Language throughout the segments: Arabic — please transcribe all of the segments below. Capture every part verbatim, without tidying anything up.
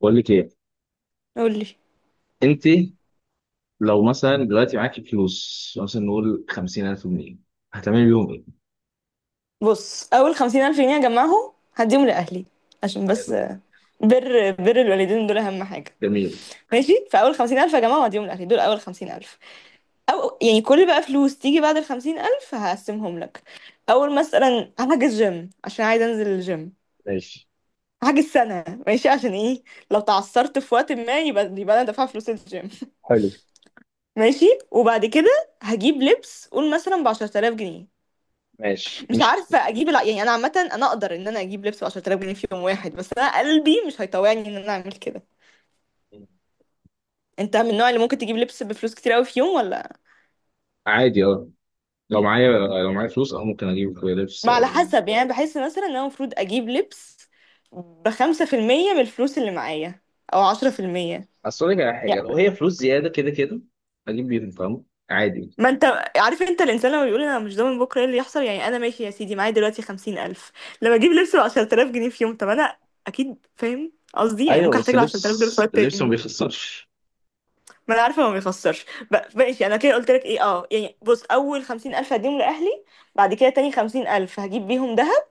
بقول لك ايه قولي. انت؟ لو مثلا دلوقتي معاكي فلوس مثلا نقول خمسين الف جنيه، هتعملي بيهم ايه؟ بص، اول خمسين الف جنيه اجمعهم هديهم لاهلي، عشان بس حلو. بر بر الوالدين دول اهم حاجه. جميل. ماشي، فاول خمسين الف اجمعهم هديهم لاهلي، دول اول خمسين الف. او يعني كل بقى فلوس تيجي بعد الخمسين الف هقسمهم لك. اول مثلا هحجز جيم عشان عايز انزل الجيم. ماشي. هحجز سنه، ماشي؟ عشان ايه؟ لو تعثرت في وقت ما، يبقى يبقى انا دافعه فلوس الجيم. حلو. ماشي. وبعد كده هجيب لبس، قول مثلا ب عشرة آلاف جنيه. ماشي. مش مش. عارفه اجيب الع... يعني انا عامه انا اقدر ان انا اجيب لبس ب عشرة آلاف جنيه في يوم واحد، بس انا قلبي مش هيطوعني ان انا اعمل كده. انت من النوع اللي ممكن تجيب لبس بفلوس كتير قوي في يوم ولا؟ عادي اه. لو معايا لو معايا فلوس اه ممكن اجيب لبس. ما على حسب، يعني بحس مثلا ان انا المفروض اجيب لبس بخمسة في المية من الفلوس اللي معايا، او عشرة في المية. اصل اقول لك على حاجه، يعني لو هي فلوس زياده كده كده اجيب بيهم، فاهم؟ عادي. ما انت عارف، انت الانسان لما بيقول انا مش ضامن بكره ايه اللي يحصل. يعني انا ماشي يا سيدي معايا دلوقتي خمسين الف، لما اجيب لبس ب عشرة آلاف جنيه في يوم، طب انا اكيد فاهم قصدي، يعني ايوه، ممكن بس احتاج ال اللبس عشرة آلاف دول في وقت اللبس ما تاني. بيخسرش. ما انا عارفه ما بيخسرش. ب- ماشي، انا كده قلت لك ايه. اه يعني بص، اول خمسين الف هديهم لاهلي، بعد كده تاني خمسين الف هجيب بيهم دهب،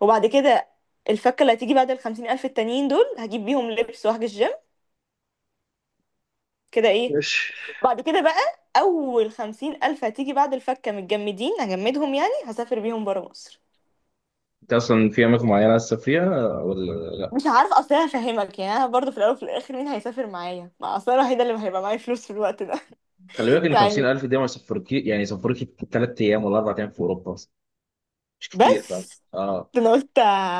وبعد كده الفكه اللي هتيجي بعد الخمسين الف التانيين دول هجيب بيهم لبس واحجز جيم. كده ايه. ماشي. بعد كده بقى، اول خمسين الف هتيجي بعد الفكه متجمدين هجمدهم، يعني هسافر بيهم برا مصر. انت اصلا في اماكن معينه عايز تسافريها ولا لا؟ مش عارفه، اصل أنا هفهمك، يعني انا برضه في الاول وفي الاخر مين هيسافر معايا؟ ما اصل أنا الوحيده اللي هيبقى معايا فلوس في الوقت ده. خلي بالك ان يعني خمسين الف دي ما يسافركي، يعني يسافركي ثلاث ايام ولا اربع ايام في اوروبا، مش كتير، فاهم؟ بس اه. انا قلت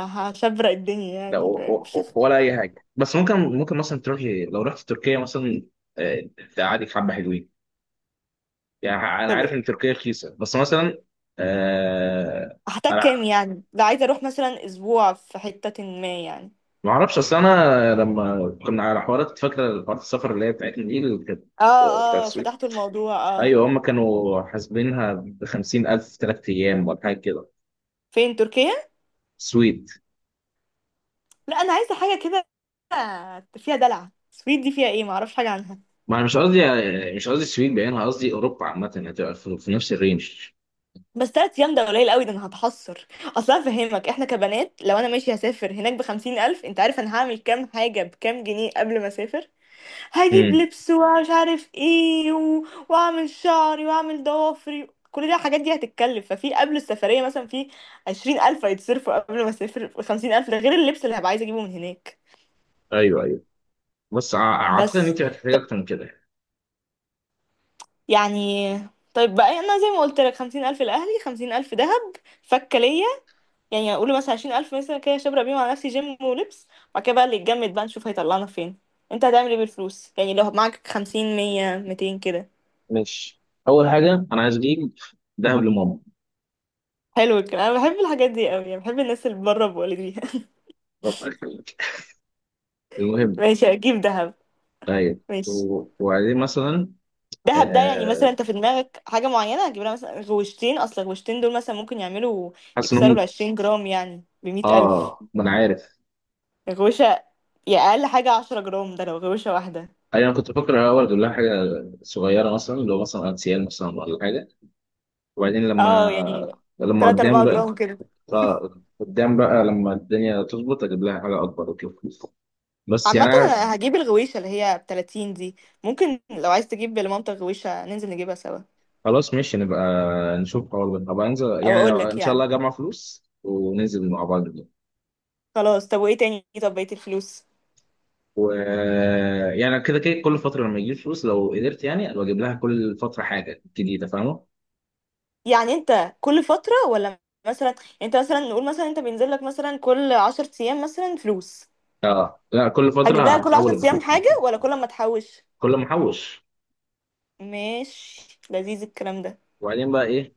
هشبرق الدنيا، لا، يعني و- فاهم. و- ولا اي حاجه، بس ممكن ممكن مثلا تروح، لو رحت تركيا مثلا آه، تقعدك حبه حلوين يعني. انا طب عارف ان تركيا رخيصه، بس مثلا آه هحتاج انا كام؟ يعني ده عايزة اروح مثلا اسبوع في حتة ما يعني. ما اعرفش. اصل انا لما كنا على حوارات، فاكره حوارات السفر اللي هي بتاعتنا دي اللي كانت اه. آه، بتاع اه، السويد. فتحت الموضوع. اه، ايوه، هم كانوا حاسبينها ب خمسين الف في ثلاث ايام ولا حاجه كده. فين تركيا؟ سويد. لا انا عايزة حاجة كده فيها دلع. السويد دي فيها ايه، معرفش حاجة عنها. ما انا مش قصدي مش قصدي السويد بعينها، قصدي اوروبا عامه، هتبقى في في نفس الرينج. بس تلات ايام ده قليل قوي، ده انا هتحسر اصلا. فهمك، احنا كبنات لو انا ماشي هسافر هناك بخمسين الف، انت عارف انا هعمل كام حاجة بكام جنيه قبل ما اسافر؟ هجيب امم لبس ومش عارف ايه و... واعمل شعري واعمل ضوافري، كل ده الحاجات دي هتتكلف. ففي قبل السفرية مثلا في عشرين ألف هيتصرفوا قبل ما اسافر خمسين ألف، ده غير اللبس اللي هبقى عايزة اجيبه من هناك. ايوه ايوه. بص، ع- اعتقد ان بس انت هتحتاج ط- اكتر من كده. يعني طيب بقى، انا زي ما قلت لك: خمسين ألف لأهلي، خمسين ألف دهب، فكة ليا. يعني اقول مثلا عشرين ألف مثلا كده شبرق بيهم على نفسي، جيم ولبس، وبعد كده بقى اللي يتجمد بقى نشوف هيطلعنا فين. انت هتعمل ايه بالفلوس؟ يعني لو معاك خمسين، مية، ميتين كده. ماشي. اول حاجه انا عايز اجيب ذهب لماما. حلو الكلام، انا بحب الحاجات دي قوي، بحب الناس اللي بره بوالديها. ربنا يخليك. المهم، ماشي، اجيب دهب. طيب ماشي، و- وبعدين مثلا دهب ده يعني آه، مثلا انت في دماغك حاجة معينة هتجيب لها؟ مثلا غوشتين، اصل الغوشتين دول مثلا ممكن يعملوا، حاسس يكسروا انهم العشرين جرام، يعني اه بمية ألف. آه، ما انا عارف. غوشة، يا أقل حاجة عشرة جرام ده لو غوشة واحدة. ايوه، انا كنت بفكر الاول اجيب لها حاجه صغيره، مثلا اللي هو مثلا انسيال مثلا ولا حاجه. وبعدين لما اه، يعني لما تلاتة قدام أربعة بقى، جرام كده. ف- قدام بقى لما الدنيا تظبط اجيب لها حاجه اكبر وكده. بس يعني عامة أنا هجيب الغويشة اللي هي بتلاتين دي. ممكن لو عايز تجيب لمامتك غويشة ننزل نجيبها سوا. خلاص. ماشي، نبقى نشوف قرار ده. طب انزل أو يعني لو أقولك ان شاء يعني، الله اجمع فلوس وننزل مع بعض دي. خلاص طب، وإيه تاني؟ طب بقية الفلوس؟ و يعني كده كده كل فتره لما يجيب فلوس، لو قدرت يعني ابقى اجيب لها كل فتره حاجه جديده، فاهمه؟ يعني انت كل فترة ولا؟ مثلا يعني انت مثلا، نقول مثلا انت بينزل لك مثلا كل عشر ايام مثلا فلوس. اه لا، كل فتره هتجيب لها كل هحاول عشر ايام حاجة أجيب. ولا كل ما تحوش؟ كل ما احوش. ماشي، لذيذ الكلام ده. وبعدين بقى ايه؟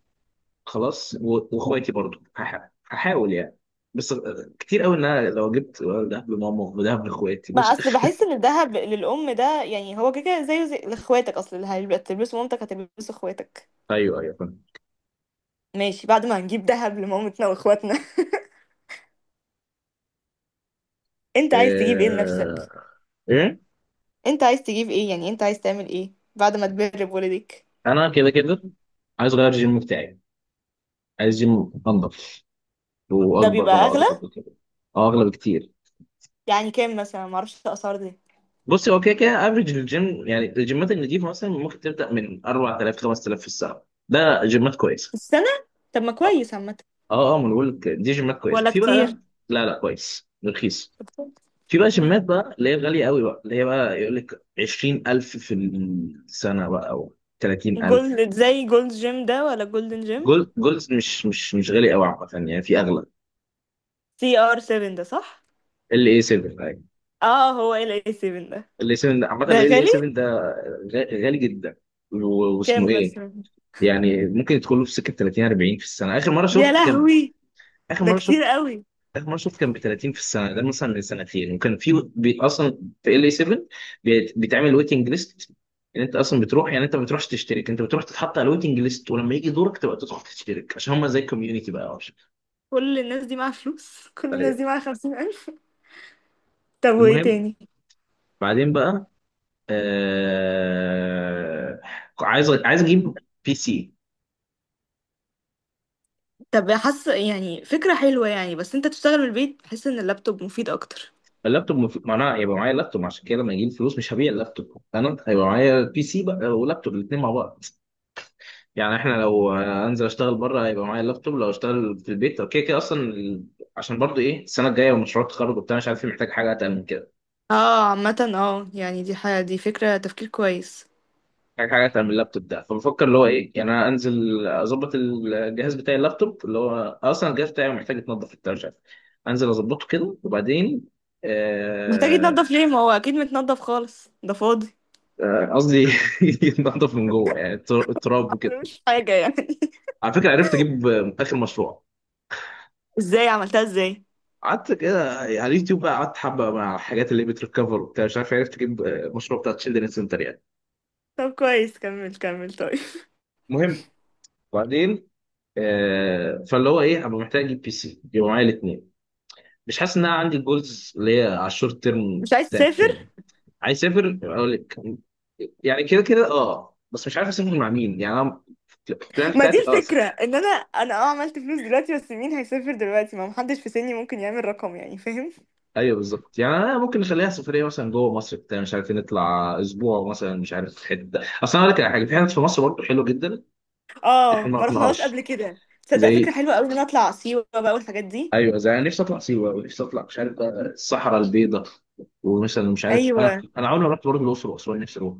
خلاص و- واخواتي برضو هح- هحاول يعني. بس آه، كتير قوي ان انا لو جبت دهب لماما ودهب لاخواتي بقى مش اصل بحس ان الذهب للام ده يعني هو كده كده زيه زي لاخواتك، اصل اللي هتلبسه مامتك هتلبسه اخواتك. ايوه ايوه فاهم. ماشي، بعد ما هنجيب ذهب لمامتنا واخواتنا، انت عايز تجيب ايه لنفسك؟ آه، ايه، انت عايز تجيب ايه، يعني انت عايز تعمل ايه بعد ما تبر بولدك؟ انا كده كده عايز اغير الجيم بتاعي. عايز جيم انضف ده واكبر بقى، بيبقى اغلى، واكبر وكده. اه اغلى بكتير. يعني كام مثلا؟ معرفش الاسعار دي. بص، هو كده كده افريج الجيم، يعني الجيمات النضيفه مثلا ممكن تبدا من اربعة آلاف خمس تلاف في الساعه، ده جيمات في كويسه. السنة؟ طب ما اه. كويس عامة. اه أه، ما انا بقول لك دي جيمات كويسه. ولا في كتير؟ بقى لا لا، كويس رخيص. في بقى مم. جيمات بقى اللي هي غاليه قوي بقى، اللي هي بقى يقول لك عشرين الف في السنه بقى، او تلاتين الف. جولد، زي جولد جيم ده ولا جولدن جيم؟ جولد، جولد مش مش مش غالي قوي عامه، يعني في اغلى. سي ار سبعة ده صح؟ ال اي سبعة. اه، هو ال اي سفن ده. الاي سبعة ده عامة ده الاي غالي؟ سبعة ده غ- غالي جدا. و- واسمه كام ايه؟ مثلا؟ يعني ممكن يدخل له في سكة تلاتين اربعين في السنة. آخر مرة يا شفت كان، لهوي، آخر ده مرة شفت كتير قوي. آخر مرة شفت كان ب تلاتين في السنة، ده مثلا من سنتين. وكان في بي... أصلا في ال اي سبعة بي... بيتعمل ويتنج ليست، ان انت اصلا بتروح، يعني انت ما بتروحش تشترك، انت بتروح تتحط على الويتنج ليست، ولما يجي دورك تبقى تدخل تشترك، عشان هم زي الكوميونتي بقى أو شيء. كل الناس دي معاها فلوس، كل الناس طيب. دي معاها خمسين ألف. طب وإيه المهم، تاني؟ بعدين بقى آه... عايز عايز اجيب بي سي. طب حاسة يعني فكرة حلوة، يعني بس أنت تشتغل من البيت، بحس إن اللابتوب مفيد أكتر. اللابتوب مف... معناها يبقى معايا لابتوب، عشان كده لما يجي لي فلوس مش هبيع اللابتوب. انا هيبقى معايا بي سي بقى ولابتوب الاثنين مع بعض. يعني احنا لو آه، انزل اشتغل بره هيبقى معايا اللابتوب. لو اشتغل في البيت اوكي كده اصلا ال- عشان برضو ايه السنه الجايه ومشروع التخرج وبتاع مش عارف إيه، محتاج حاجه اتعمل كده. اه عامة اه، يعني دي حاجة، دي فكرة تفكير كويس. محتاج حاجه اتعمل اللابتوب ده. فبفكر اللي هو ايه، يعني انا انزل اظبط الجهاز بتاعي اللابتوب، اللي هو اصلا الجهاز بتاعي محتاج يتنضف وبتاع مش عارف. انزل اظبطه كده وبعدين محتاج يتنضف آه، ليه؟ ما هو أكيد متنضف خالص، ده فاضي. آه، قصدي يتنضف من جوه، يعني التراب. أنا مش حاجة يعني. على فكره عرفت اجيب اخر مشروع. ازاي عملتها، ازاي؟ قعدت كده على اليوتيوب بقى، قعدت حبه مع الحاجات اللي بتريكفر وبتاع مش عارف. عرفت اجيب آه، مشروع بتاع تشيلدرن سنتر يعني. طب كويس، كمل كمل طيب. المهم، وبعدين آه فاللي هو ايه، ابقى محتاج اجيب بي سي، يبقى معايا الاثنين. مش حاسس ان انا عندي الجولز اللي هي على الشورت تيرم مش عايز تسافر؟ تاني. عايز اسافر، يبقى اقول لك يعني كده كده اه. بس مش عارف اسافر مع مين يعني. انا البلان ما دي بتاعتي اه. الفكرة، ان انا انا اه عملت فلوس دلوقتي، بس مين هيسافر دلوقتي؟ ما محدش في سني ممكن يعمل رقم، يعني فاهم. ايوه بالظبط، يعني انا ممكن نخليها سفريه مثلا جوه مصر بتاع مش عارفين، نطلع اسبوع مثلا مش عارف حته. اصل انا اقول لك على حاجه، في حتت في مصر برضه حلوه جدا. احنا اه، ما ما رحناش رحناهاش. قبل كده. تصدق فكرة زي، حلوة قوي ان انا اطلع سيوة بقى والحاجات دي. ايوه، زي، انا نفسي اطلع سيوه ونفسي اطلع مش عارف بقى الصحراء البيضاء. ومثلا مش عارف، انا ايوه. انا عمري ما رحت برضه الاقصر واسوان، نفسي اروح.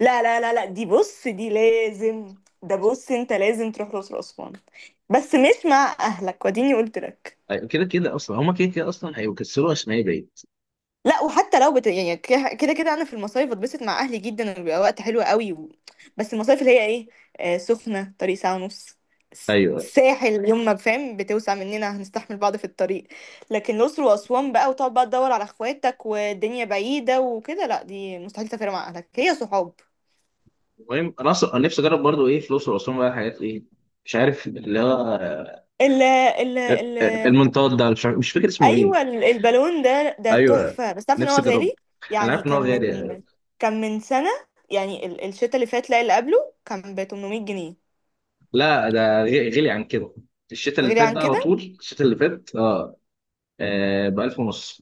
لا لا لا لا، دي بص دي لازم. ده بص، انت لازم تروح الأقصر وأسوان، بس مش مع اهلك وديني قلت لك. أيوة، كده كده اصلا هما كده كده اصلا هيكسروا اسماعيل بعيد. لا، وحتى لو بت... يعني ك- كده كده، انا في المصايف بتبسط مع اهلي جدا، وبيبقى وقت حلو قوي و... بس المصايف اللي هي ايه، آه، سخنه طريق ساعه ونص. س- ايوه. ساحل يوم ما فاهم بتوسع مننا هنستحمل بعض في الطريق. لكن الاقصر واسوان بقى، وتقعد بقى تدور على اخواتك والدنيا بعيده وكده، لا دي مستحيل تسافر مع اهلك، هي صحاب. المهم انا اصلا أنا نفسي اجرب برضه ايه في الاقصر واسوان بقى، حاجات ايه مش عارف اللي هو آه، ال ال ال آه، المنطاد ده، مش عارف- مش فاكر اسمه ايوه، ايه. ال- البالون ده، ده ايوه، تحفه، بس تعرف ان هو نفسي اجربه. غالي. انا يعني عارف ان هو كان غالي. من، كان من سنه، يعني ال- الشتا اللي فات، لا اللي قبله، كان ب ثمانمائة جنيه. لا ده غ- غلي عن كده. الشتاء اللي غير فات عن ده على كده. طول، الشتاء اللي فات اه, آه ب ألف ونص.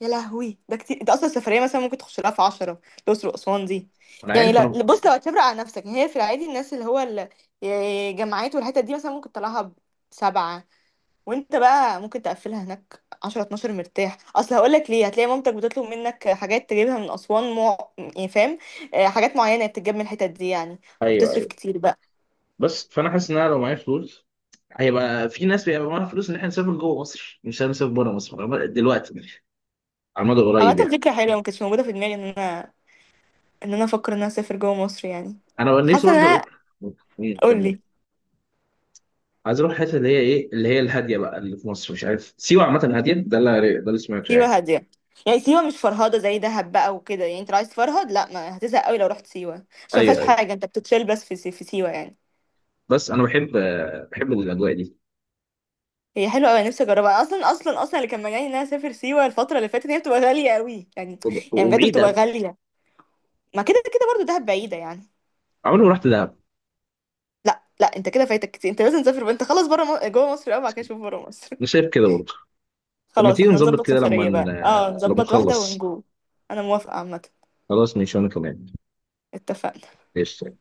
يا لهوي، ده كتير. انت اصلا السفريه مثلا ممكن تخش لها في عشرة، الاقصر واسوان دي. انا يعني عارف، انا لا ممكن. بص، لو هتبرق على نفسك، يعني هي في العادي الناس اللي هو ال- جامعات والحتت دي مثلا ممكن تطلعها بسبعة، وانت بقى ممكن تقفلها هناك عشرة، اثنا عشر مرتاح. اصل هقول لك ليه، هتلاقي مامتك بتطلب منك حاجات تجيبها من اسوان مو... يعني فاهم، آه، حاجات معينه بتتجاب من الحتت دي يعني، ايوه فبتصرف ايوه كتير بقى. بس فانا حاسس ان انا لو معايا فلوس هيبقى في ناس بيبقى معاها فلوس ان احنا نسافر جوه مصر، مش هنسافر بره مصر دلوقتي على المدى القريب عامه يعني. فكره حلوه، ما كانتش موجوده في دماغي ان انا، ان انا افكر ان انا اسافر جوه مصر يعني. انا نفسي حاسه ان برضه انا. اروح. مم، قول كمل. لي. عايز اروح الحته اللي هي ايه، اللي هي الهاديه بقى، اللي في مصر. مش عارف، سيوه عامه هاديه، ده اللي ده اللي سمعته سيوه يعني. هاديه. يعني سيوه مش فرهده زي دهب بقى وكده، يعني انت لو عايز تفرهد لا، ما هتزهق قوي لو رحت سيوه، عشان ما فيهاش ايوه ايوه، حاجه انت بتتشيل بس في سي- في سيوه يعني. بس انا بحب آه، بحب الاجواء دي. هي حلوه قوي، نفسي اجربها، اصلا اصلا اصلا اللي كان مجاني ان انا اسافر سيوه الفتره اللي فاتت، هي بتبقى غاليه قوي يعني. وب- يعني بجد بتبقى وبعيدة. غاليه. ما كده كده برضو دهب بعيده يعني. عمري ما رحت دهب. لا لا، انت كده فايتك كتير، انت لازم تسافر. انت خلاص بره م... جوه مصر قوي، بعد كده شوف بره مصر. انا شايف كده برضه. طب ما خلاص تيجي احنا نظبط نظبط كده لما سفريه ن- بقى، اه لما نظبط واحده نخلص. ونجو. انا موافقه عامه. خلاص ماشي وانا كمان. اتفقنا. ايش.